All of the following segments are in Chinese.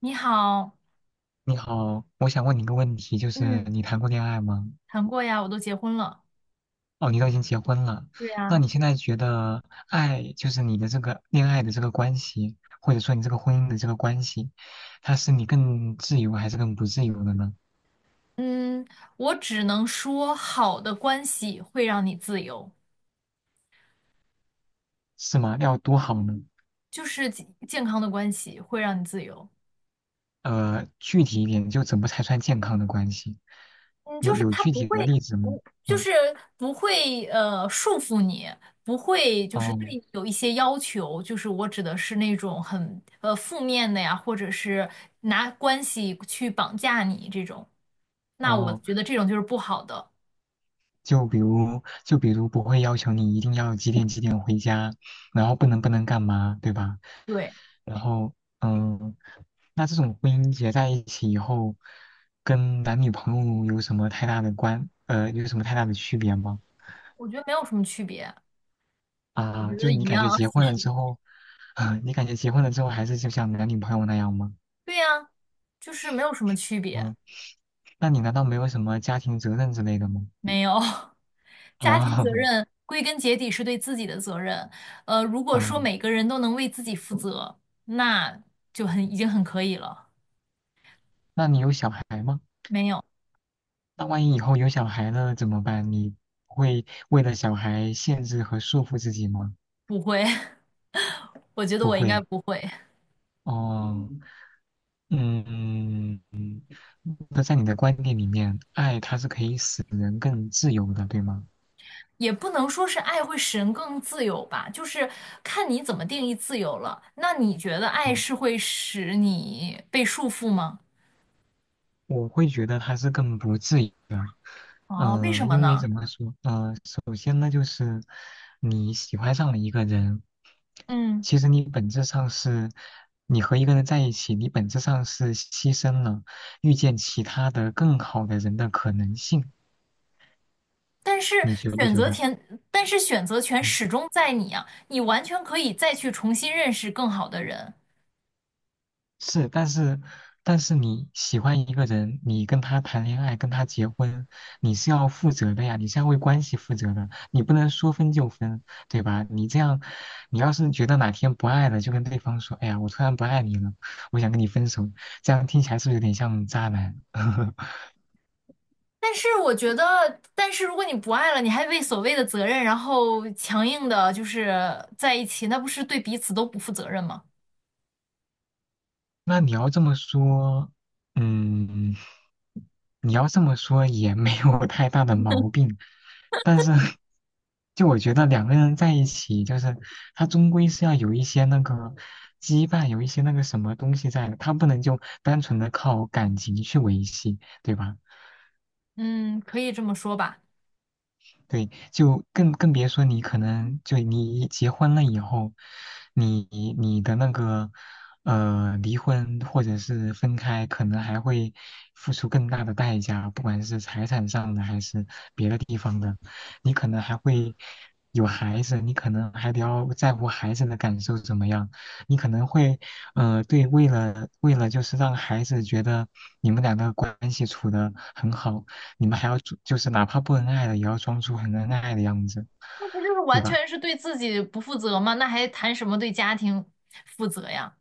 你好。你好，我想问你一个问题，就是嗯，你谈过恋爱吗？谈过呀，我都结婚了。哦，你都已经结婚了，对呀。那你现在觉得爱，就是你的这个恋爱的这个关系，或者说你这个婚姻的这个关系，它是你更自由还是更不自由的呢？嗯，我只能说，好的关系会让你自由，是吗？要多好呢？就是健康的关系会让你自由。具体一点，就怎么才算健康的关系？嗯，就有是有他具不体的会，例子吗？不就嗯，是不会束缚你，不会就是对哦你有一些要求。就是我指的是那种很负面的呀，或者是拿关系去绑架你这种。那我哦，觉得这种就是不好的。就比如不会要求你一定要几点几点回家，然后不能干嘛，对吧？对，然后，嗯，那这种婚姻结在一起以后，跟男女朋友有什么太大的关，有什么太大的区别吗？我觉得没有什么区别。我啊，觉得就你一感样，觉结其婚了实之后，啊，你感觉结婚了之后还是就像男女朋友那样吗？对呀，就是没有什么区别，嗯，那你难道没有什么家庭责任之类的吗？没有。家庭责啊，任归根结底是对自己的责任，如 果说嗯，每个人都能为自己负责，那就已经很可以了。那你有小孩吗？没有。那万一以后有小孩了怎么办？你会为了小孩限制和束缚自己吗？不会。我觉得不我应该会。不会，哦，嗯。那在你的观念里面，爱它是可以使人更自由的，对吗？也不能说是爱会使人更自由吧，就是看你怎么定义自由了。那你觉得爱嗯，是会使你被束缚吗？我会觉得它是更不自由。哦，为什么因为呢？怎么说？首先呢，就是你喜欢上了一个人，嗯。其实你本质上是，你和一个人在一起，你本质上是牺牲了遇见其他的更好的人的可能性，但是你觉不选觉择得？权，但是选择权嗯，始终在你啊，你完全可以再去重新认识更好的人。是，但是你喜欢一个人，你跟他谈恋爱，跟他结婚，你是要负责的呀，你是要为关系负责的，你不能说分就分，对吧？你这样，你要是觉得哪天不爱了，就跟对方说，哎呀，我突然不爱你了，我想跟你分手，这样听起来是不是有点像渣男？但是我觉得，但是如果你不爱了，你还为所谓的责任，然后强硬的就是在一起，那不是对彼此都不负责任吗？那你要这么说，嗯。你要这么说也没有太大的毛病，但是就我觉得两个人在一起，就是他终归是要有一些那个羁绊，有一些那个什么东西在的，他不能就单纯的靠感情去维系，对吧？嗯，可以这么说吧。对，就更别说你可能就你一结婚了以后，你你的那个离婚或者是分开，可能还会付出更大的代价，不管是财产上的还是别的地方的，你可能还会有孩子，你可能还得要在乎孩子的感受怎么样，你可能会对为了就是让孩子觉得你们两个关系处得很好。你们还要装，就是哪怕不恩爱了，也要装出很恩爱的样子，那不就是对完吧？全是对自己不负责吗？那还谈什么对家庭负责呀？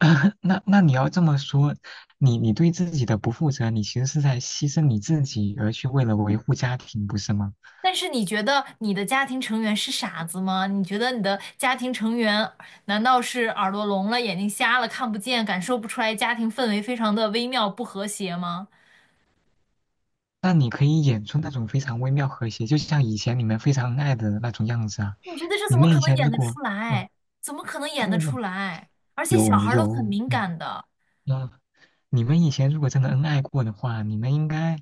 那你要这么说，你对自己的不负责，你其实是在牺牲你自己，而去为了维护家庭，不是吗？但是你觉得你的家庭成员是傻子吗？你觉得你的家庭成员难道是耳朵聋了、眼睛瞎了、看不见、感受不出来家庭氛围非常的微妙不和谐吗？那你可以演出那种非常微妙和谐，就像以前你们非常恩爱的那种样子啊。你觉得这你怎么们可以能前演如得果出嗯，来？怎么可能演得出嗯，来？而且小有，孩儿都很敏嗯，感的，那你们以前如果真的恩爱过的话，你们应该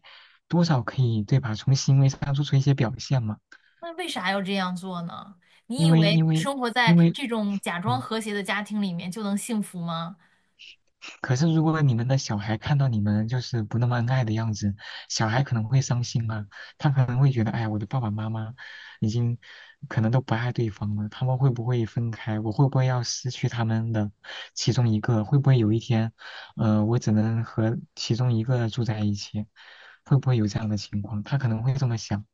多少可以对吧？从行为上做出一些表现嘛。那为啥要这样做呢？你因以为为因为生活在因为，这种假装嗯，和谐的家庭里面就能幸福吗？可是如果你们的小孩看到你们就是不那么恩爱的样子，小孩可能会伤心啊，他可能会觉得，哎呀，我的爸爸妈妈已经可能都不爱对方了，他们会不会分开？我会不会要失去他们的其中一个？会不会有一天，我只能和其中一个住在一起？会不会有这样的情况？他可能会这么想。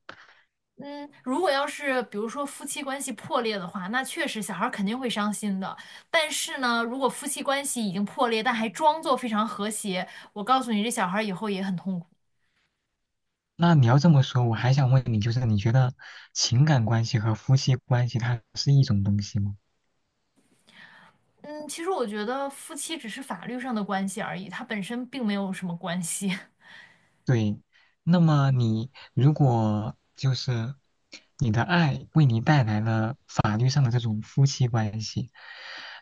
嗯，如果要是比如说夫妻关系破裂的话，那确实小孩儿肯定会伤心的。但是呢，如果夫妻关系已经破裂，但还装作非常和谐，我告诉你，这小孩儿以后也很痛苦。那你要这么说，我还想问你，就是你觉得情感关系和夫妻关系它是一种东西吗？嗯，其实我觉得夫妻只是法律上的关系而已，它本身并没有什么关系。对，那么你如果就是你的爱为你带来了法律上的这种夫妻关系，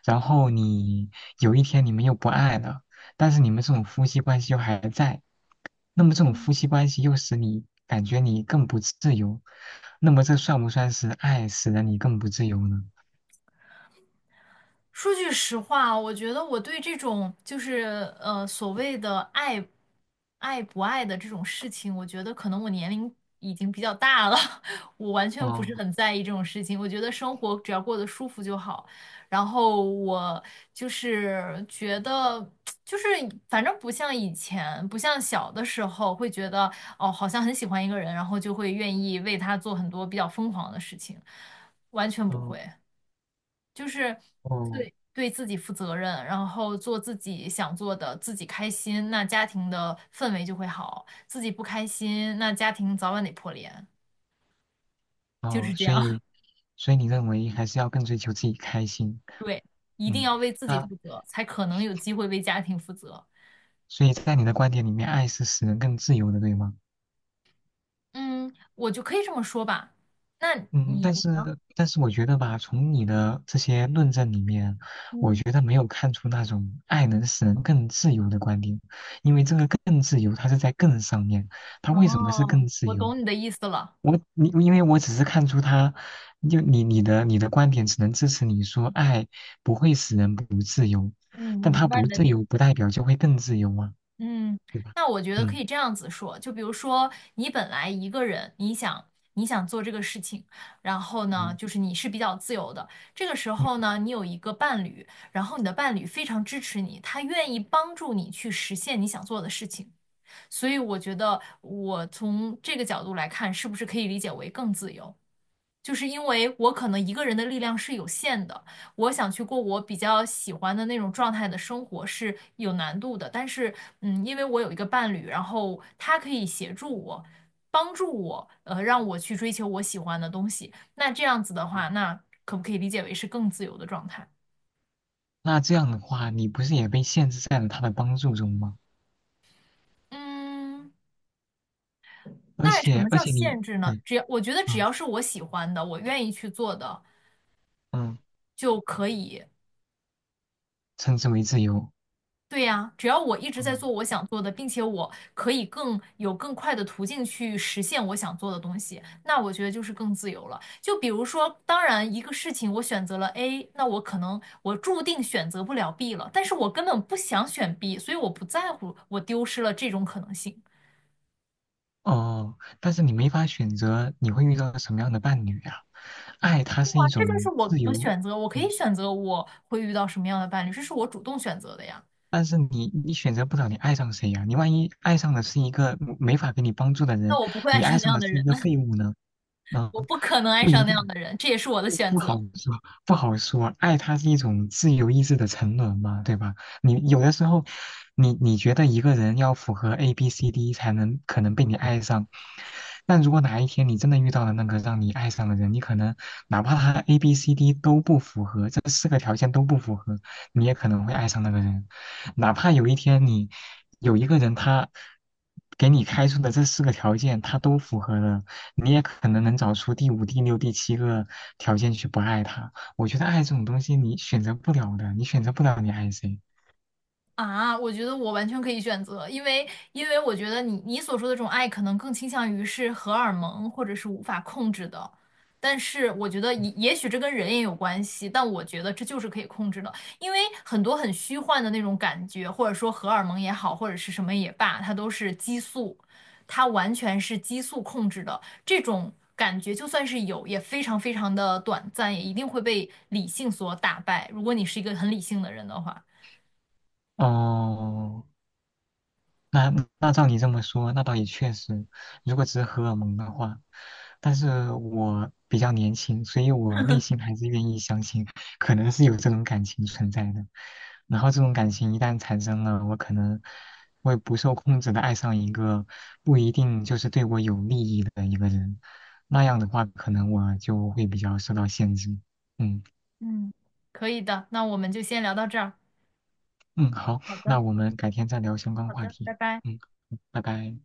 然后你有一天你们又不爱了，但是你们这种夫妻关系又还在，那么这种夫妻关系又使你感觉你更不自由，那么这算不算是爱使得你更不自由呢？说句实话，我觉得我对这种就是所谓的爱不爱的这种事情，我觉得可能我年龄已经比较大了，我完全不是哦，很在意这种事情。我觉得生活只要过得舒服就好。然后我就是觉得，就是反正不像以前，不像小的时候会觉得哦，好像很喜欢一个人，然后就会愿意为他做很多比较疯狂的事情，完全不会。哦就是哦对自己负责任，然后做自己想做的，自己开心，那家庭的氛围就会好；自己不开心，那家庭早晚得破裂，就是哦，这所样。以 你认为还是要更追求自己开心，对，一定嗯。要为自己那负责，才可能有机会为家庭负责。所以在你的观点里面，爱是使人更自由的，对吗？嗯，我就可以这么说吧。那你嗯，但你呢？是我觉得吧，从你的这些论证里面，我嗯。觉得没有看出那种爱能使人更自由的观点，因为这个更自由，它是在更上面，它为什么是哦，更自我由？懂你的意思了。我，你因为我只是看出它，就你的观点只能支持你说爱不会使人不自由，嗯，我但明它白不你的自点。由不代表就会更自由啊，嗯，对吧？那我觉得可嗯，以这样子说，就比如说你本来一个人，你想做这个事情，然后呢，嗯，就是你是比较自由的，这个时嗯，候呢，你有一个伴侣，然后你的伴侣非常支持你，他愿意帮助你去实现你想做的事情，所以我觉得我从这个角度来看，是不是可以理解为更自由？就是因为我可能一个人的力量是有限的，我想去过我比较喜欢的那种状态的生活是有难度的。但是，嗯，因为我有一个伴侣，然后他可以协助我，帮助我，让我去追求我喜欢的东西。那这样子的话，那可不可以理解为是更自由的状态？那这样的话，你不是也被限制在了他的帮助中吗？嗯，而那什且，么而叫且你，限制呢？对，只要我觉得只嗯，要是我喜欢的，我愿意去做的嗯，就可以。称之为自由，对呀，只要我一直在嗯，做我想做的，并且我可以更有更快的途径去实现我想做的东西，那我觉得就是更自由了。就比如说，当然一个事情我选择了 A，那我可能我注定选择不了 B 了，但是我根本不想选 B，所以我不在乎我丢失了这种可能性。哦，但是你没法选择你会遇到什么样的伴侣呀、爱它哇，是一这就是种我自的由，选择，我可以嗯，选择我会遇到什么样的伴侣，这是我主动选择的呀。但是你选择不了你爱上谁呀、你万一爱上的是一个没法给你帮助的那人，我不会爱你上爱那上样的的是一人，个废物呢？嗯，我不可能爱不一上那样定的人，这也是我的选不好择。说，不好说。爱它是一种自由意志的沉沦嘛，对吧？你有的时候，你觉得一个人要符合 A B C D 才能可能被你爱上，但如果哪一天你真的遇到了那个让你爱上的人，你可能哪怕他 A B C D 都不符合，这四个条件都不符合，你也可能会爱上那个人。哪怕有一天你有一个人他给你开出的这四个条件他都符合了，你也可能能找出第五、第六、第七个条件去不爱他。我觉得爱这种东西，你选择不了的，你选择不了你爱谁。啊，我觉得我完全可以选择，因为我觉得你所说的这种爱，可能更倾向于是荷尔蒙或者是无法控制的，但是我觉得也许这跟人也有关系，但我觉得这就是可以控制的，因为很多很虚幻的那种感觉，或者说荷尔蒙也好，或者是什么也罢，它都是激素，它完全是激素控制的，这种感觉就算是有，也非常非常的短暂，也一定会被理性所打败，如果你是一个很理性的人的话。哦，那那照你这么说，那倒也确实，如果只是荷尔蒙的话，但是我比较年轻，所以我内心还是愿意相信，可能是有这种感情存在的。然后这种感情一旦产生了，我可能会不受控制的爱上一个不一定就是对我有利益的一个人，那样的话，可能我就会比较受到限制。嗯，嗯，可以的，那我们就先聊到这儿。嗯，好，好的，那我们改天再聊相关好话的，拜题。拜。嗯，拜拜。